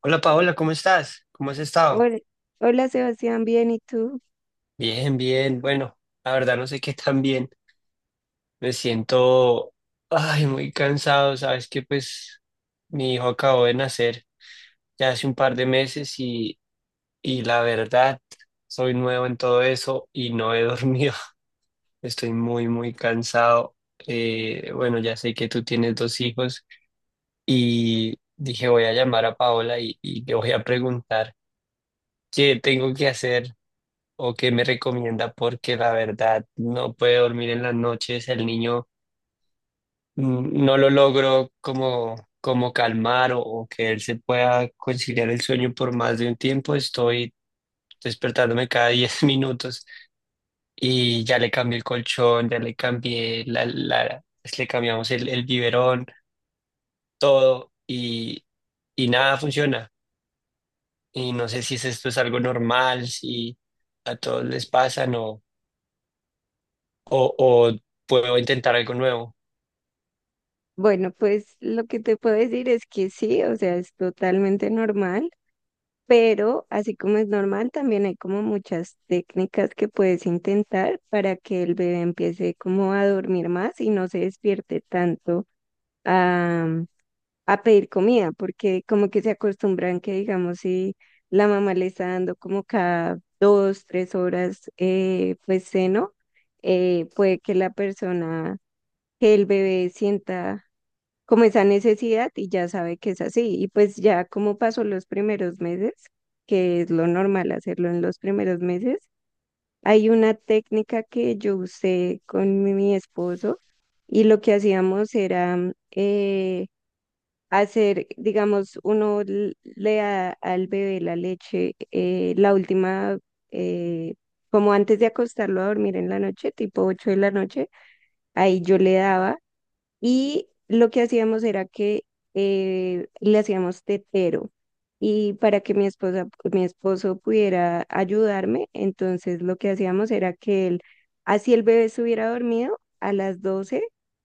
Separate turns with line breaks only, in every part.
Hola Paola, ¿cómo estás? ¿Cómo has estado?
Hola, hola, Sebastián, bien, ¿y tú?
Bien, bien. Bueno, la verdad no sé qué tan bien. Me siento, ay, muy cansado. Sabes que pues mi hijo acabó de nacer ya hace un par de meses y la verdad soy nuevo en todo eso y no he dormido. Estoy muy, muy cansado. Bueno, ya sé que tú tienes dos hijos y dije voy a llamar a Paola y le voy a preguntar qué tengo que hacer o qué me recomienda porque la verdad no puede dormir en las noches, el niño no lo logro como calmar o que él se pueda conciliar el sueño por más de un tiempo, estoy despertándome cada 10 minutos y ya le cambié el colchón, ya le cambié le cambiamos el biberón, todo y nada funciona. Y no sé si esto es algo normal, si a todos les pasa no o puedo intentar algo nuevo.
Bueno, pues lo que te puedo decir es que sí, o sea, es totalmente normal, pero así como es normal, también hay como muchas técnicas que puedes intentar para que el bebé empiece como a dormir más y no se despierte tanto a, a pedir comida, porque como que se acostumbran que, digamos, si la mamá le está dando como cada dos, tres horas, pues seno puede que la persona que el bebé sienta como esa necesidad y ya sabe que es así. Y pues ya como pasó los primeros meses, que es lo normal hacerlo en los primeros meses, hay una técnica que yo usé con mi esposo y lo que hacíamos era hacer, digamos, uno le da al bebé la leche, la última... eh, como antes de acostarlo a dormir en la noche, tipo 8 de la noche, ahí yo le daba y lo que hacíamos era que le hacíamos tetero. Y para que mi esposo pudiera ayudarme, entonces lo que hacíamos era que él, así el bebé estuviera dormido, a las 12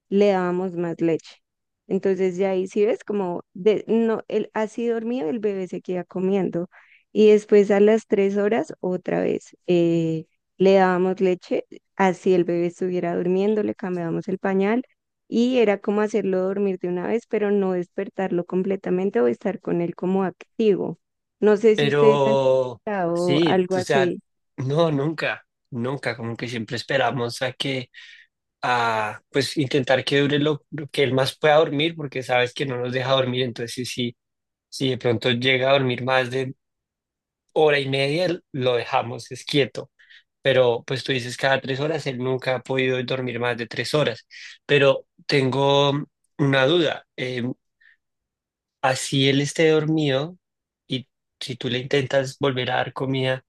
le dábamos más leche. Entonces ya ahí sí ves como de, no, él así dormido el bebé se queda comiendo. Y después a las tres horas otra vez le dábamos leche, así el bebé estuviera durmiendo, le cambiábamos el pañal y era como hacerlo dormir de una vez, pero no despertarlo completamente o estar con él como activo. No sé si ustedes han
Pero
estado
sí,
algo
o sea,
así.
no, nunca, nunca, como que siempre esperamos a que, a, pues intentar que dure lo que él más pueda dormir, porque sabes que no nos deja dormir, entonces sí, sí, si de pronto llega a dormir más de hora y media, lo dejamos, es quieto, pero pues tú dices cada tres horas, él nunca ha podido dormir más de tres horas, pero tengo una duda, así él esté dormido y si tú le intentas volver a dar comida,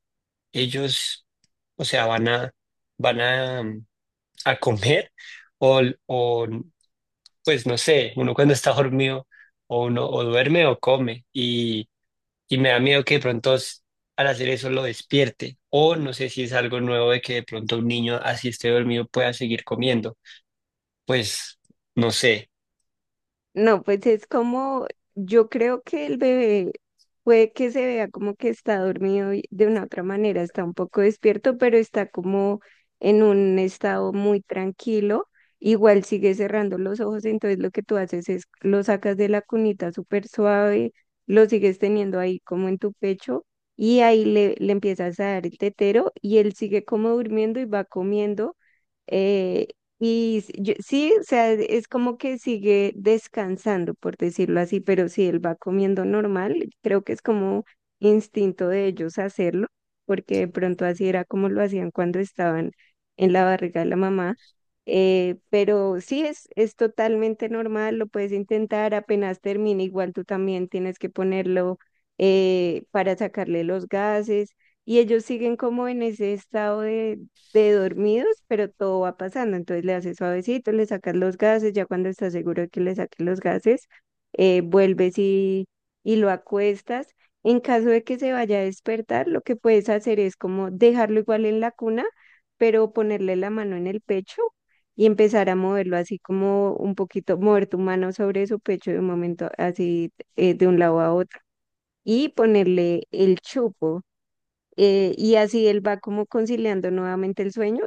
ellos, o sea, van a a comer o, o, pues no sé, uno cuando está dormido o uno o duerme o come y me da miedo que de pronto al hacer eso lo despierte o no sé si es algo nuevo de que de pronto un niño así esté dormido pueda seguir comiendo, pues no sé.
No, pues es como, yo creo que el bebé puede que se vea como que está dormido y de una otra manera, está un poco despierto, pero está como en un estado muy tranquilo. Igual sigue cerrando los ojos, entonces lo que tú haces es lo sacas de la cunita súper suave, lo sigues teniendo ahí como en tu pecho y ahí le empiezas a dar el tetero y él sigue como durmiendo y va comiendo. eh, sí, o sea, es como que sigue descansando, por decirlo así, pero si él va comiendo normal, creo que es como instinto de ellos hacerlo, porque de pronto así era como lo hacían cuando estaban en la barriga de la mamá. Pero sí, es totalmente normal, lo puedes intentar, apenas termine, igual tú también tienes que ponerlo para sacarle los gases y ellos siguen como en ese estado de dormidos, pero todo va pasando. Entonces le haces suavecito, le sacas los gases, ya cuando estás seguro de que le saques los gases, vuelves y lo acuestas. En caso de que se vaya a despertar, lo que puedes hacer es como dejarlo igual en la cuna, pero ponerle la mano en el pecho y empezar a moverlo así como un poquito, mover tu mano sobre su pecho de un momento así de un lado a otro y ponerle el chupo y así él va como conciliando nuevamente el sueño.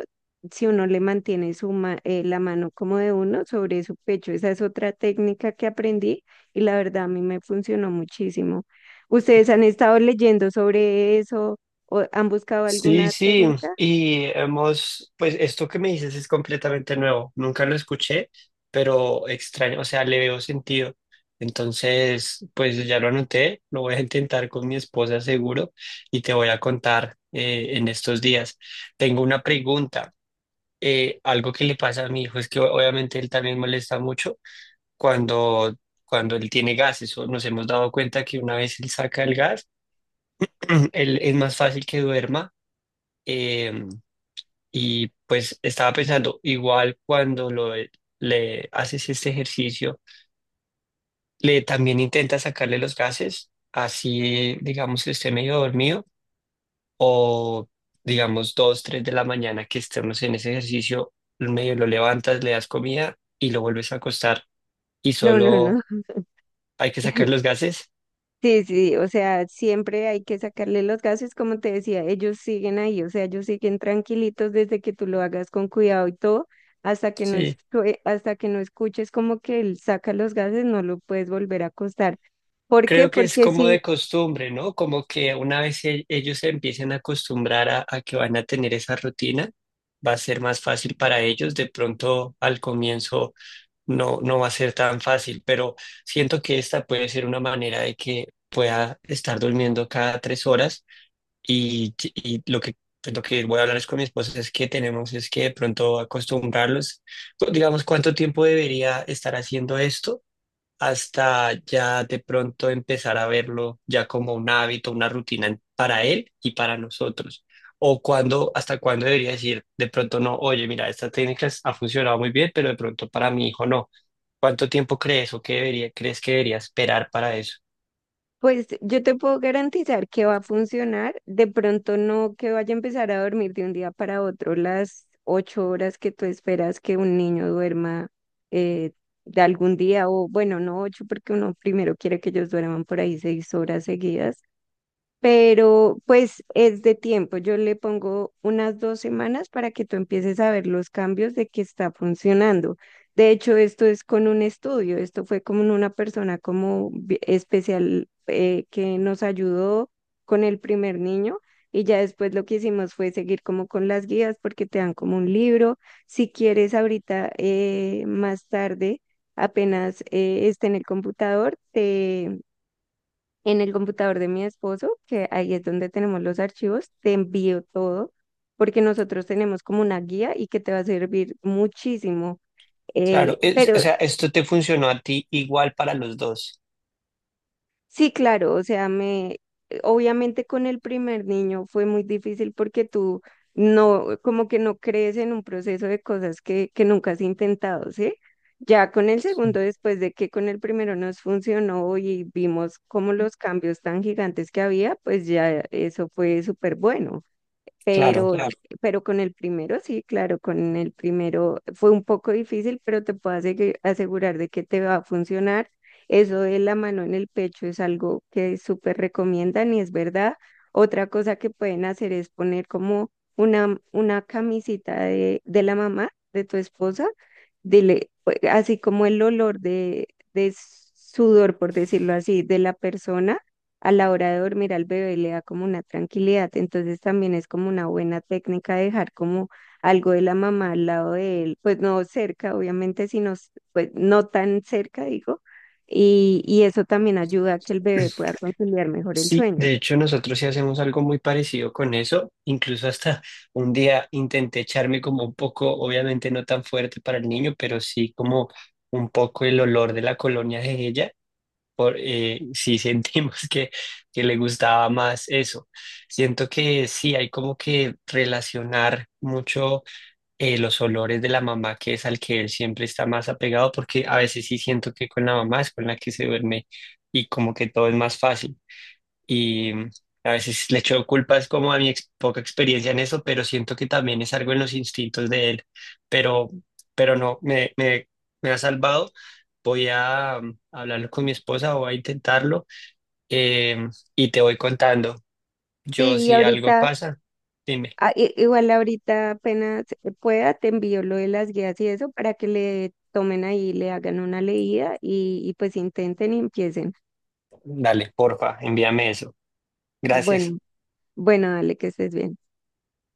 Si uno le mantiene la mano como de uno sobre su pecho, esa es otra técnica que aprendí y la verdad a mí me funcionó muchísimo. ¿Ustedes han estado leyendo sobre eso o han buscado
Sí,
alguna
sí,
técnica?
y hemos, pues esto que me dices es completamente nuevo, nunca lo escuché, pero extraño, o sea, le veo sentido. Entonces, pues ya lo anoté, lo voy a intentar con mi esposa seguro y te voy a contar en estos días. Tengo una pregunta, algo que le pasa a mi hijo es que obviamente él también molesta mucho cuando, cuando él tiene gases, o nos hemos dado cuenta que una vez él saca el gas, él es más fácil que duerma. em, y pues estaba pensando, igual cuando le haces este ejercicio, le también intenta sacarle los gases, así digamos que esté medio dormido o digamos dos, tres de la mañana que estemos en ese ejercicio, medio lo levantas, le das comida y lo vuelves a acostar y
No, no,
solo
no.
hay que sacar los gases.
Sí, sí, o sea, siempre hay que sacarle los gases, como te decía, ellos siguen ahí, o sea, ellos siguen tranquilitos desde que tú lo hagas con cuidado y todo, hasta que no es,
Sí.
hasta que no escuches como que él saca los gases, no lo puedes volver a acostar. ¿Por qué?
Creo que es
Porque
como de
si
costumbre, ¿no? Como que una vez ellos se empiecen a acostumbrar a que van a tener esa rutina, va a ser más fácil para ellos. De pronto al comienzo no, no va a ser tan fácil, pero siento que esta puede ser una manera de que pueda estar durmiendo cada tres horas y pues, lo que voy a hablar es con mi esposa es que tenemos es que de pronto acostumbrarlos. Pues, digamos, ¿cuánto tiempo debería estar haciendo esto? Hasta ya de pronto empezar a verlo ya como un hábito, una rutina para él y para nosotros. O cuando, hasta cuándo debería decir, de pronto no, oye, mira, esta técnica ha funcionado muy bien, pero de pronto para mi hijo no. ¿Cuánto tiempo crees o qué debería, crees que debería esperar para eso?
pues yo te puedo garantizar que va a funcionar. De pronto no que vaya a empezar a dormir de un día para otro las 8 horas que tú esperas que un niño duerma eh, de algún día, o bueno, no 8, porque uno primero quiere que ellos duerman por ahí 6 horas seguidas, pero pues es de tiempo. Yo le pongo unas 2 semanas para que tú empieces a ver los cambios de que está funcionando. De hecho, esto es con un estudio, esto fue como en una persona como especial que nos ayudó con el primer niño y ya después lo que hicimos fue seguir como con las guías porque te dan como un libro. Si quieres ahorita más tarde, apenas esté en el computador, te en el computador de mi esposo, que ahí es donde tenemos los archivos, te envío todo, porque nosotros tenemos como una guía y que te va a servir muchísimo.
Claro, o
Pero
sea, esto te funcionó a ti igual para los dos.
sí, claro, o sea, me, obviamente con el primer niño fue muy difícil porque tú no, como que no crees en un proceso de cosas que nunca has intentado, ¿sí? Ya con el segundo, después de que con el primero nos funcionó y vimos como los cambios tan gigantes que había, pues ya eso fue súper bueno.
Claro.
Pero, claro. Pero con el primero, sí, claro, con el primero fue un poco difícil, pero te puedo asegurar de que te va a funcionar. Eso de la mano en el pecho es algo que súper recomiendan y es verdad. Otra cosa que pueden hacer es poner como una camisita de la mamá, de tu esposa, dile, pues, así como el olor de sudor, por decirlo así, de la persona a la hora de dormir al bebé le da como una tranquilidad, entonces también es como una buena técnica dejar como algo de la mamá al lado de él, pues no cerca, obviamente, sino s- pues no tan cerca, digo, y eso también ayuda a que el bebé pueda conciliar mejor el
Sí,
sueño.
de hecho nosotros sí hacemos algo muy parecido con eso. Incluso hasta un día intenté echarme como un poco, obviamente no tan fuerte para el niño, pero sí como un poco el olor de la colonia de ella. Sí, sentimos que le gustaba más eso. Siento que sí, hay como que relacionar mucho los olores de la mamá, que es al que él siempre está más apegado, porque a veces sí siento que con la mamá es con la que se duerme y como que todo es más fácil y a veces le echo culpas como a mi poca experiencia en eso, pero siento que también es algo en los instintos de él, pero, pero no, me ha salvado. Voy a hablarlo con mi esposa, voy a intentarlo eh, y te voy contando. Yo
Sí, y
si algo
ahorita,
pasa, dime,
igual ahorita apenas pueda, te envío lo de las guías y eso para que le tomen ahí, le hagan una leída y pues intenten y empiecen.
dale, porfa, envíame eso. Gracias.
Bueno, bueno, dale que estés bien.